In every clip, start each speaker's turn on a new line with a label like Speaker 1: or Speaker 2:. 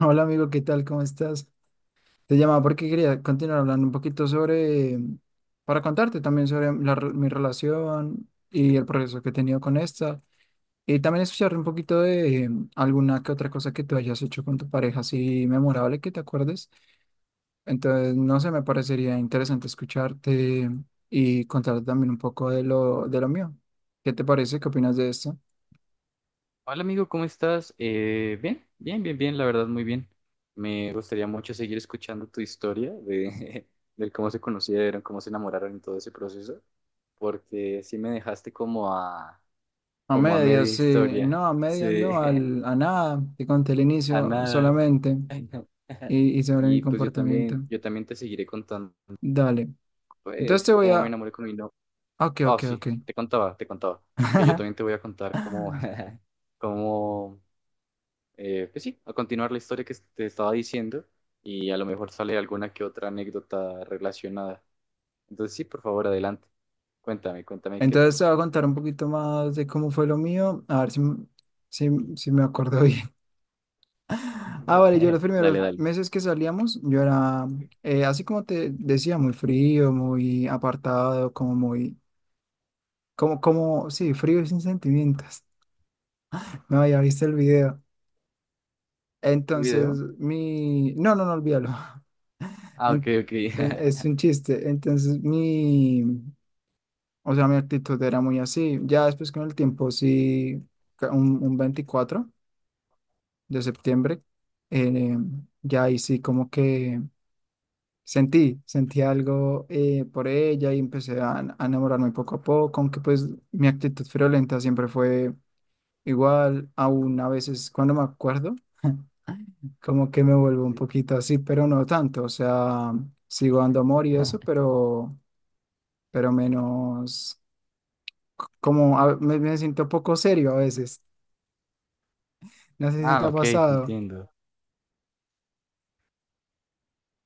Speaker 1: Hola amigo, ¿qué tal? ¿Cómo estás? Te llamaba porque quería continuar hablando un poquito sobre, para contarte también sobre la mi relación y el progreso que he tenido con esta. Y también escuchar un poquito de alguna que otra cosa que tú hayas hecho con tu pareja, así memorable que te acuerdes. Entonces, no sé, me parecería interesante escucharte y contarte también un poco de de lo mío. ¿Qué te parece? ¿Qué opinas de esto?
Speaker 2: Hola amigo, ¿cómo estás? Bien, la verdad, muy bien. Me gustaría mucho seguir escuchando tu historia de, de cómo se conocieron, cómo se enamoraron y todo ese proceso, porque sí me dejaste como a,
Speaker 1: A
Speaker 2: como a media
Speaker 1: medias, sí.
Speaker 2: historia,
Speaker 1: No, a medias
Speaker 2: sí,
Speaker 1: no, al, a nada. Te conté el
Speaker 2: a
Speaker 1: inicio
Speaker 2: nada.
Speaker 1: solamente. Y sobre mi
Speaker 2: Y pues
Speaker 1: comportamiento.
Speaker 2: yo también te seguiré contando,
Speaker 1: Dale. Entonces
Speaker 2: pues,
Speaker 1: te voy
Speaker 2: cómo me
Speaker 1: a...
Speaker 2: enamoré con mi novia.
Speaker 1: Ok,
Speaker 2: Ah,
Speaker 1: ok, ok.
Speaker 2: sí, te contaba, que yo también te voy a contar cómo, cómo pues sí, a continuar la historia que te estaba diciendo y a lo mejor sale alguna que otra anécdota relacionada. Entonces sí, por favor, adelante. Cuéntame qué
Speaker 1: Entonces
Speaker 2: tal.
Speaker 1: te voy a contar un poquito más de cómo fue lo mío. A ver si, si me acuerdo bien. Ah, vale, yo los
Speaker 2: Dale,
Speaker 1: primeros
Speaker 2: dale.
Speaker 1: meses que salíamos, yo era, así como te decía, muy frío, muy apartado, como muy, como, como, sí, frío y sin sentimientos. No, ya viste el video.
Speaker 2: ¿El
Speaker 1: Entonces,
Speaker 2: video?
Speaker 1: no, no, no, olvídalo.
Speaker 2: Ah, ok,
Speaker 1: En-
Speaker 2: ok.
Speaker 1: es un chiste. Entonces, o sea, mi actitud era muy así. Ya después con el tiempo, sí, un 24 de septiembre, eh, ya ahí sí como que sentí algo por ella y empecé a enamorarme poco a poco, aunque pues mi actitud friolenta siempre fue igual, aún a veces cuando me acuerdo. Como que me vuelvo un
Speaker 2: Sí.
Speaker 1: poquito así, pero no tanto. O sea, sigo dando amor y eso, pero menos, como me siento poco serio a veces. No sé si te
Speaker 2: Ah,
Speaker 1: ha
Speaker 2: ok, te
Speaker 1: pasado
Speaker 2: entiendo.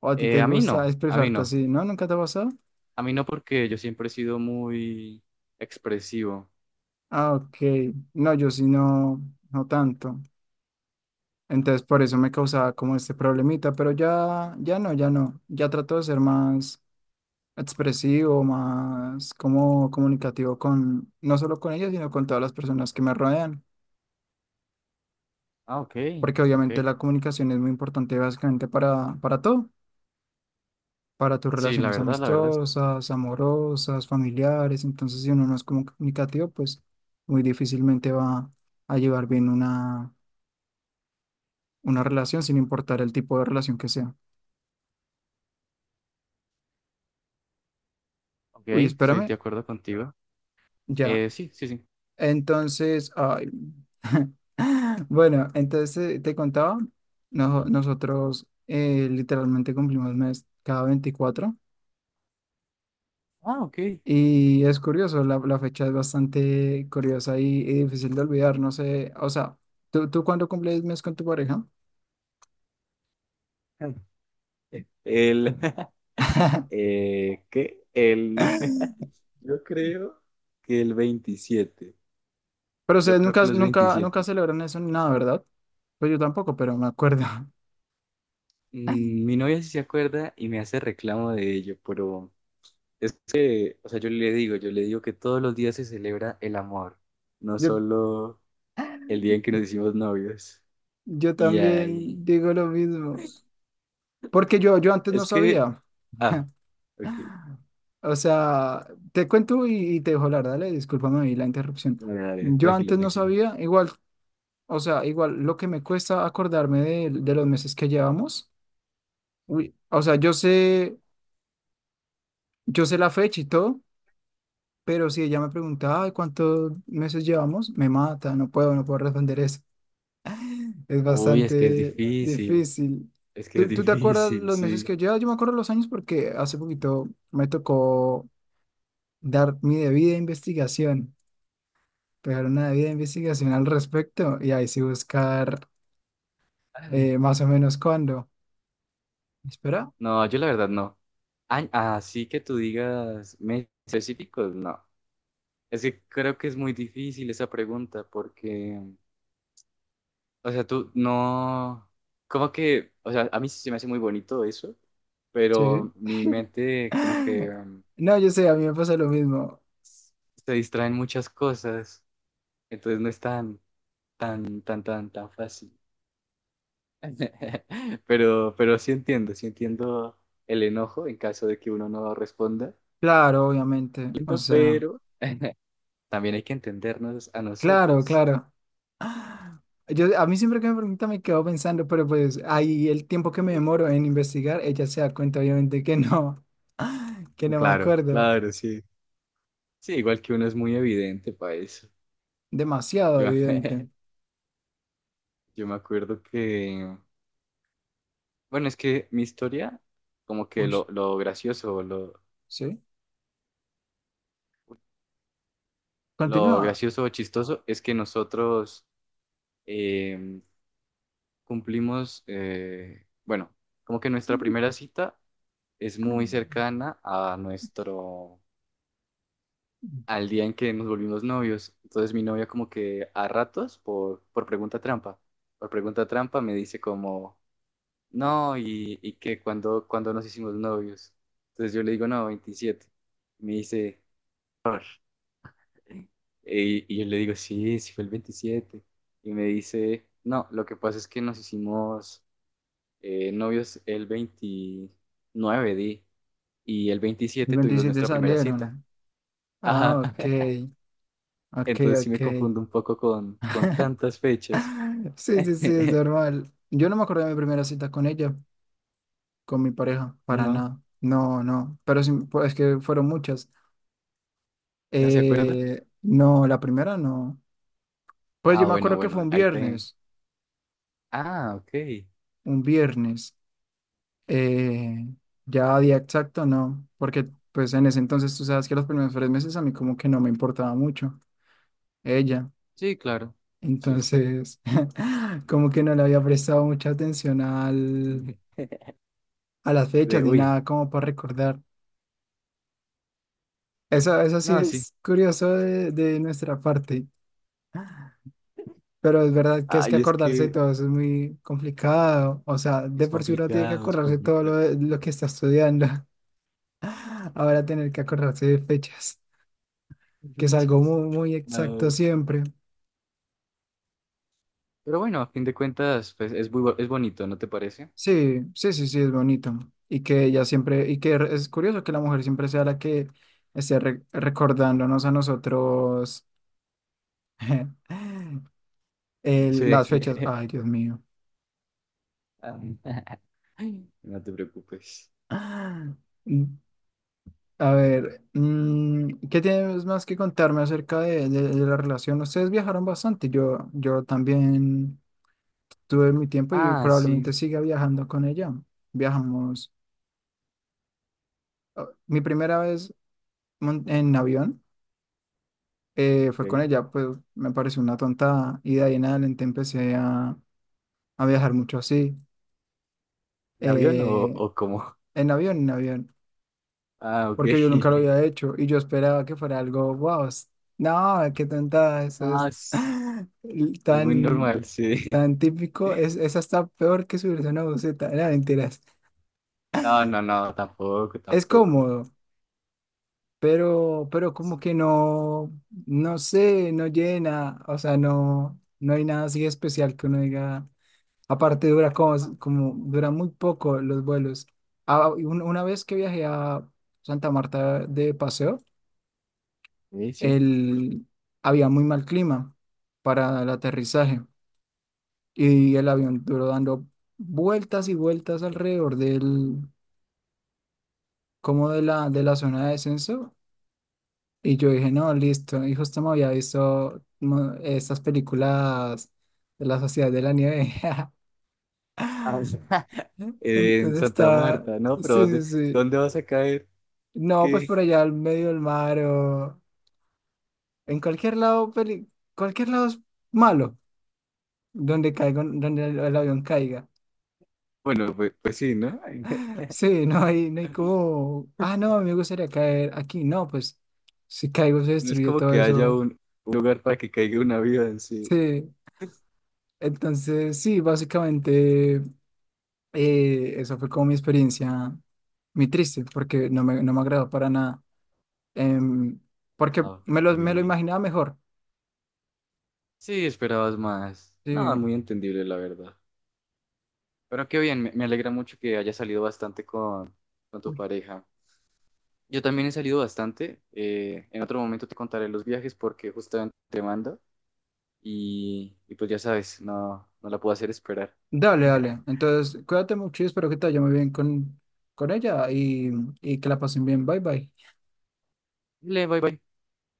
Speaker 1: o a ti te
Speaker 2: A mí
Speaker 1: gusta
Speaker 2: no, a mí
Speaker 1: expresarte
Speaker 2: no.
Speaker 1: así, ¿no? ¿Nunca te ha pasado?
Speaker 2: A mí no porque yo siempre he sido muy expresivo.
Speaker 1: Ah, ok. No, yo sí no, no tanto. Entonces por eso me causaba como este problemita, pero ya no. Ya trato de ser más expresivo, más como comunicativo con, no solo con ellos, sino con todas las personas que me rodean.
Speaker 2: Ah, ok,
Speaker 1: Porque
Speaker 2: ok.
Speaker 1: obviamente la comunicación es muy importante básicamente para todo. Para tus
Speaker 2: Sí, la
Speaker 1: relaciones
Speaker 2: verdad, la verdad, sí.
Speaker 1: amistosas, amorosas, familiares. Entonces, si uno no es comunicativo, pues muy difícilmente va a llevar bien una relación, sin importar el tipo de relación que sea.
Speaker 2: Ok,
Speaker 1: Uy,
Speaker 2: estoy
Speaker 1: espérame,
Speaker 2: de acuerdo contigo.
Speaker 1: ya.
Speaker 2: Sí, sí, sí.
Speaker 1: Entonces, ay. Bueno, entonces te contaba, nosotros literalmente cumplimos mes cada veinticuatro.
Speaker 2: Ah, ok.
Speaker 1: Y es curioso, la fecha es bastante curiosa y difícil de olvidar, no sé, o sea, ¿tú cuándo cumples mes con tu pareja?
Speaker 2: El, eh, ¿qué? El, yo creo que el veintisiete.
Speaker 1: Pero
Speaker 2: Yo
Speaker 1: ustedes
Speaker 2: creo
Speaker 1: nunca,
Speaker 2: que los
Speaker 1: nunca,
Speaker 2: veintisiete.
Speaker 1: nunca celebran eso ni nada, ¿verdad? Pues yo tampoco, pero me acuerdo.
Speaker 2: Mm, mi novia sí se acuerda y me hace reclamo de ello, pero es que, o sea, yo le digo que todos los días se celebra el amor, no
Speaker 1: Yo,
Speaker 2: solo el día en que nos hicimos novios.
Speaker 1: yo
Speaker 2: Y ahí,
Speaker 1: también digo lo mismo, porque yo antes no
Speaker 2: es que,
Speaker 1: sabía.
Speaker 2: ah, ok,
Speaker 1: O sea, te cuento y te dejo hablar, dale, discúlpame ahí la interrupción.
Speaker 2: dale, dale,
Speaker 1: Yo
Speaker 2: tranquilo,
Speaker 1: antes no
Speaker 2: tranquilo.
Speaker 1: sabía, igual. O sea, igual lo que me cuesta acordarme de los meses que llevamos. Uy, o sea, yo sé la fecha y todo, pero si ella me pregunta, "Ay, ¿cuántos meses llevamos?" Me mata, no puedo responder eso. Es
Speaker 2: Uy,
Speaker 1: bastante difícil.
Speaker 2: es que es
Speaker 1: ¿Tú te acuerdas
Speaker 2: difícil,
Speaker 1: los meses
Speaker 2: sí.
Speaker 1: que llevas? Yo me acuerdo los años porque hace poquito me tocó dar mi debida investigación, pegar una debida investigación al respecto y ahí sí buscar más o menos cuándo. Espera,
Speaker 2: No, yo la verdad no. Ay, así que tú digas meses específicos, no. Es que creo que es muy difícil esa pregunta porque, o sea, tú no, como que, o sea, a mí sí se me hace muy bonito eso,
Speaker 1: sí.
Speaker 2: pero mi mente como que
Speaker 1: No, yo sé, a mí me pasa lo mismo.
Speaker 2: se distraen muchas cosas, entonces no es tan, tan fácil. Pero sí entiendo el enojo en caso de que uno no responda.
Speaker 1: Claro, obviamente. O
Speaker 2: Entiendo,
Speaker 1: sea,
Speaker 2: pero también hay que entendernos a
Speaker 1: claro,
Speaker 2: nosotros.
Speaker 1: claro. Yo, a mí siempre que me pregunta me quedo pensando, pero pues ahí el tiempo que me demoro en investigar, ella se da cuenta obviamente que no, que no me
Speaker 2: Claro,
Speaker 1: acuerdo.
Speaker 2: claro, sí. Sí, igual que uno es muy evidente para eso.
Speaker 1: Demasiado
Speaker 2: Yo,
Speaker 1: evidente.
Speaker 2: yo me acuerdo que, bueno, es que mi historia, como que
Speaker 1: Uy,
Speaker 2: lo gracioso,
Speaker 1: ¿sí?
Speaker 2: lo
Speaker 1: Continúa.
Speaker 2: gracioso o chistoso es que nosotros eh, cumplimos, bueno, como que nuestra primera cita es muy cercana a nuestro al día en que nos volvimos novios. Entonces mi novia como que a ratos, por pregunta trampa me dice como, no, y que cuando, cuando nos hicimos novios. Entonces yo le digo, no, 27. Me dice, "Por", y yo le digo, sí, sí fue el 27. Y me dice, no, lo que pasa es que nos hicimos novios el 29, di, y el
Speaker 1: El
Speaker 2: 27 tuvimos
Speaker 1: 27
Speaker 2: nuestra primera cita.
Speaker 1: salieron. Ah,
Speaker 2: Ajá.
Speaker 1: ok, ok,
Speaker 2: Entonces sí
Speaker 1: ok.
Speaker 2: me confundo un poco con tantas fechas.
Speaker 1: Sí, sí, sí, es normal. Yo no me acuerdo de mi primera cita con ella, con mi pareja, para
Speaker 2: No,
Speaker 1: nada. No, no, pero sí, pues es que fueron muchas.
Speaker 2: ¿no se acuerda?
Speaker 1: No, la primera no. Pues
Speaker 2: Ah,
Speaker 1: yo me
Speaker 2: bueno,
Speaker 1: acuerdo que fue
Speaker 2: bueno,
Speaker 1: un
Speaker 2: ahí te...
Speaker 1: viernes,
Speaker 2: Ah, ok.
Speaker 1: un viernes. Eh, ya día exacto no, porque pues en ese entonces tú sabes que los primeros tres meses a mí como que no me importaba mucho ella.
Speaker 2: Sí, claro. Sí, sí.
Speaker 1: Entonces, como que no le había prestado mucha atención a las fechas
Speaker 2: De,
Speaker 1: ni
Speaker 2: uy,
Speaker 1: nada como para recordar. Eso sí
Speaker 2: no, sí.
Speaker 1: es curioso de nuestra parte. Pero es verdad que es que
Speaker 2: Ay, es
Speaker 1: acordarse de
Speaker 2: que
Speaker 1: todo eso es muy complicado. O sea, de
Speaker 2: es
Speaker 1: por sí uno tiene que
Speaker 2: complicado, es
Speaker 1: acordarse de todo
Speaker 2: complicado.
Speaker 1: lo que está estudiando. Ahora tener que acordarse de fechas, que es algo
Speaker 2: Muchas.
Speaker 1: muy, muy exacto
Speaker 2: No.
Speaker 1: siempre.
Speaker 2: Pero bueno, a fin de cuentas, pues es muy, bo- es bonito, ¿no te parece?
Speaker 1: Sí, sí, sí, sí, es bonito. Y que ella siempre, y que es curioso que la mujer siempre sea la que esté recordándonos a nosotros
Speaker 2: Sí.
Speaker 1: las fechas. Ay, Dios mío.
Speaker 2: Ah, no te preocupes.
Speaker 1: A ver, mm, ¿qué tienes más que contarme acerca de, de la relación? Ustedes viajaron bastante, yo también tuve mi tiempo y
Speaker 2: Ah,
Speaker 1: probablemente
Speaker 2: sí.
Speaker 1: siga viajando con ella. Viajamos, ah, mi primera vez en avión fue con
Speaker 2: Ok.
Speaker 1: ella, pues me pareció una tonta y de ahí en adelante empecé a viajar mucho así,
Speaker 2: ¿El avión
Speaker 1: eh,
Speaker 2: o cómo?
Speaker 1: en avión.
Speaker 2: Ah, ok.
Speaker 1: Porque yo nunca lo había hecho y yo esperaba que fuera algo, wow, no, qué tonta, eso
Speaker 2: No,
Speaker 1: es
Speaker 2: es muy
Speaker 1: tan,
Speaker 2: normal, sí.
Speaker 1: tan típico, es hasta peor que subirse a una buceta, no, mentiras,
Speaker 2: No, no, no, tampoco,
Speaker 1: es
Speaker 2: tampoco.
Speaker 1: cómodo, pero como que no, no sé, no llena, o sea, no, no hay nada así especial que uno diga, aparte dura como dura muy poco los vuelos. Ah, y una vez que viajé a Santa Marta de paseo,
Speaker 2: Sí, sí.
Speaker 1: el, había muy mal clima para el aterrizaje y el avión duró dando vueltas y vueltas alrededor como de de la zona de descenso. Y yo dije, no, listo. Y justo me había visto estas películas de la Sociedad de la Nieve.
Speaker 2: Ah, en
Speaker 1: Entonces
Speaker 2: Santa
Speaker 1: está,
Speaker 2: Marta, ¿no?
Speaker 1: sí,
Speaker 2: Pero
Speaker 1: sí,
Speaker 2: ¿dónde,
Speaker 1: sí.
Speaker 2: dónde vas a caer?
Speaker 1: No, pues
Speaker 2: ¿Qué?
Speaker 1: por allá al medio del mar o en cualquier lado, cualquier lado es malo. Donde caiga, donde el avión caiga.
Speaker 2: Bueno, pues sí, ¿no?
Speaker 1: Sí, no hay, no hay como, ah, no, me gustaría caer aquí. No, pues si caigo se
Speaker 2: No es
Speaker 1: destruye
Speaker 2: como
Speaker 1: todo
Speaker 2: que haya
Speaker 1: eso.
Speaker 2: un lugar para que caiga un avión, sí.
Speaker 1: Sí, entonces sí, básicamente eso fue como mi experiencia, muy triste, porque no me agradó para nada. Em, porque
Speaker 2: Ah, ok.
Speaker 1: me lo imaginaba mejor.
Speaker 2: Sí, esperabas más. Nada,
Speaker 1: Sí.
Speaker 2: muy entendible, la verdad. Pero qué bien, me alegra mucho que haya salido bastante con tu
Speaker 1: Uy.
Speaker 2: pareja. Yo también he salido bastante. En otro momento te contaré los viajes porque justamente te mando y pues ya sabes, no, no la puedo hacer esperar.
Speaker 1: Dale, dale. Entonces, cuídate mucho y espero que te vaya muy bien con ella y que la pasen bien. Bye, bye.
Speaker 2: Dile, bye bye.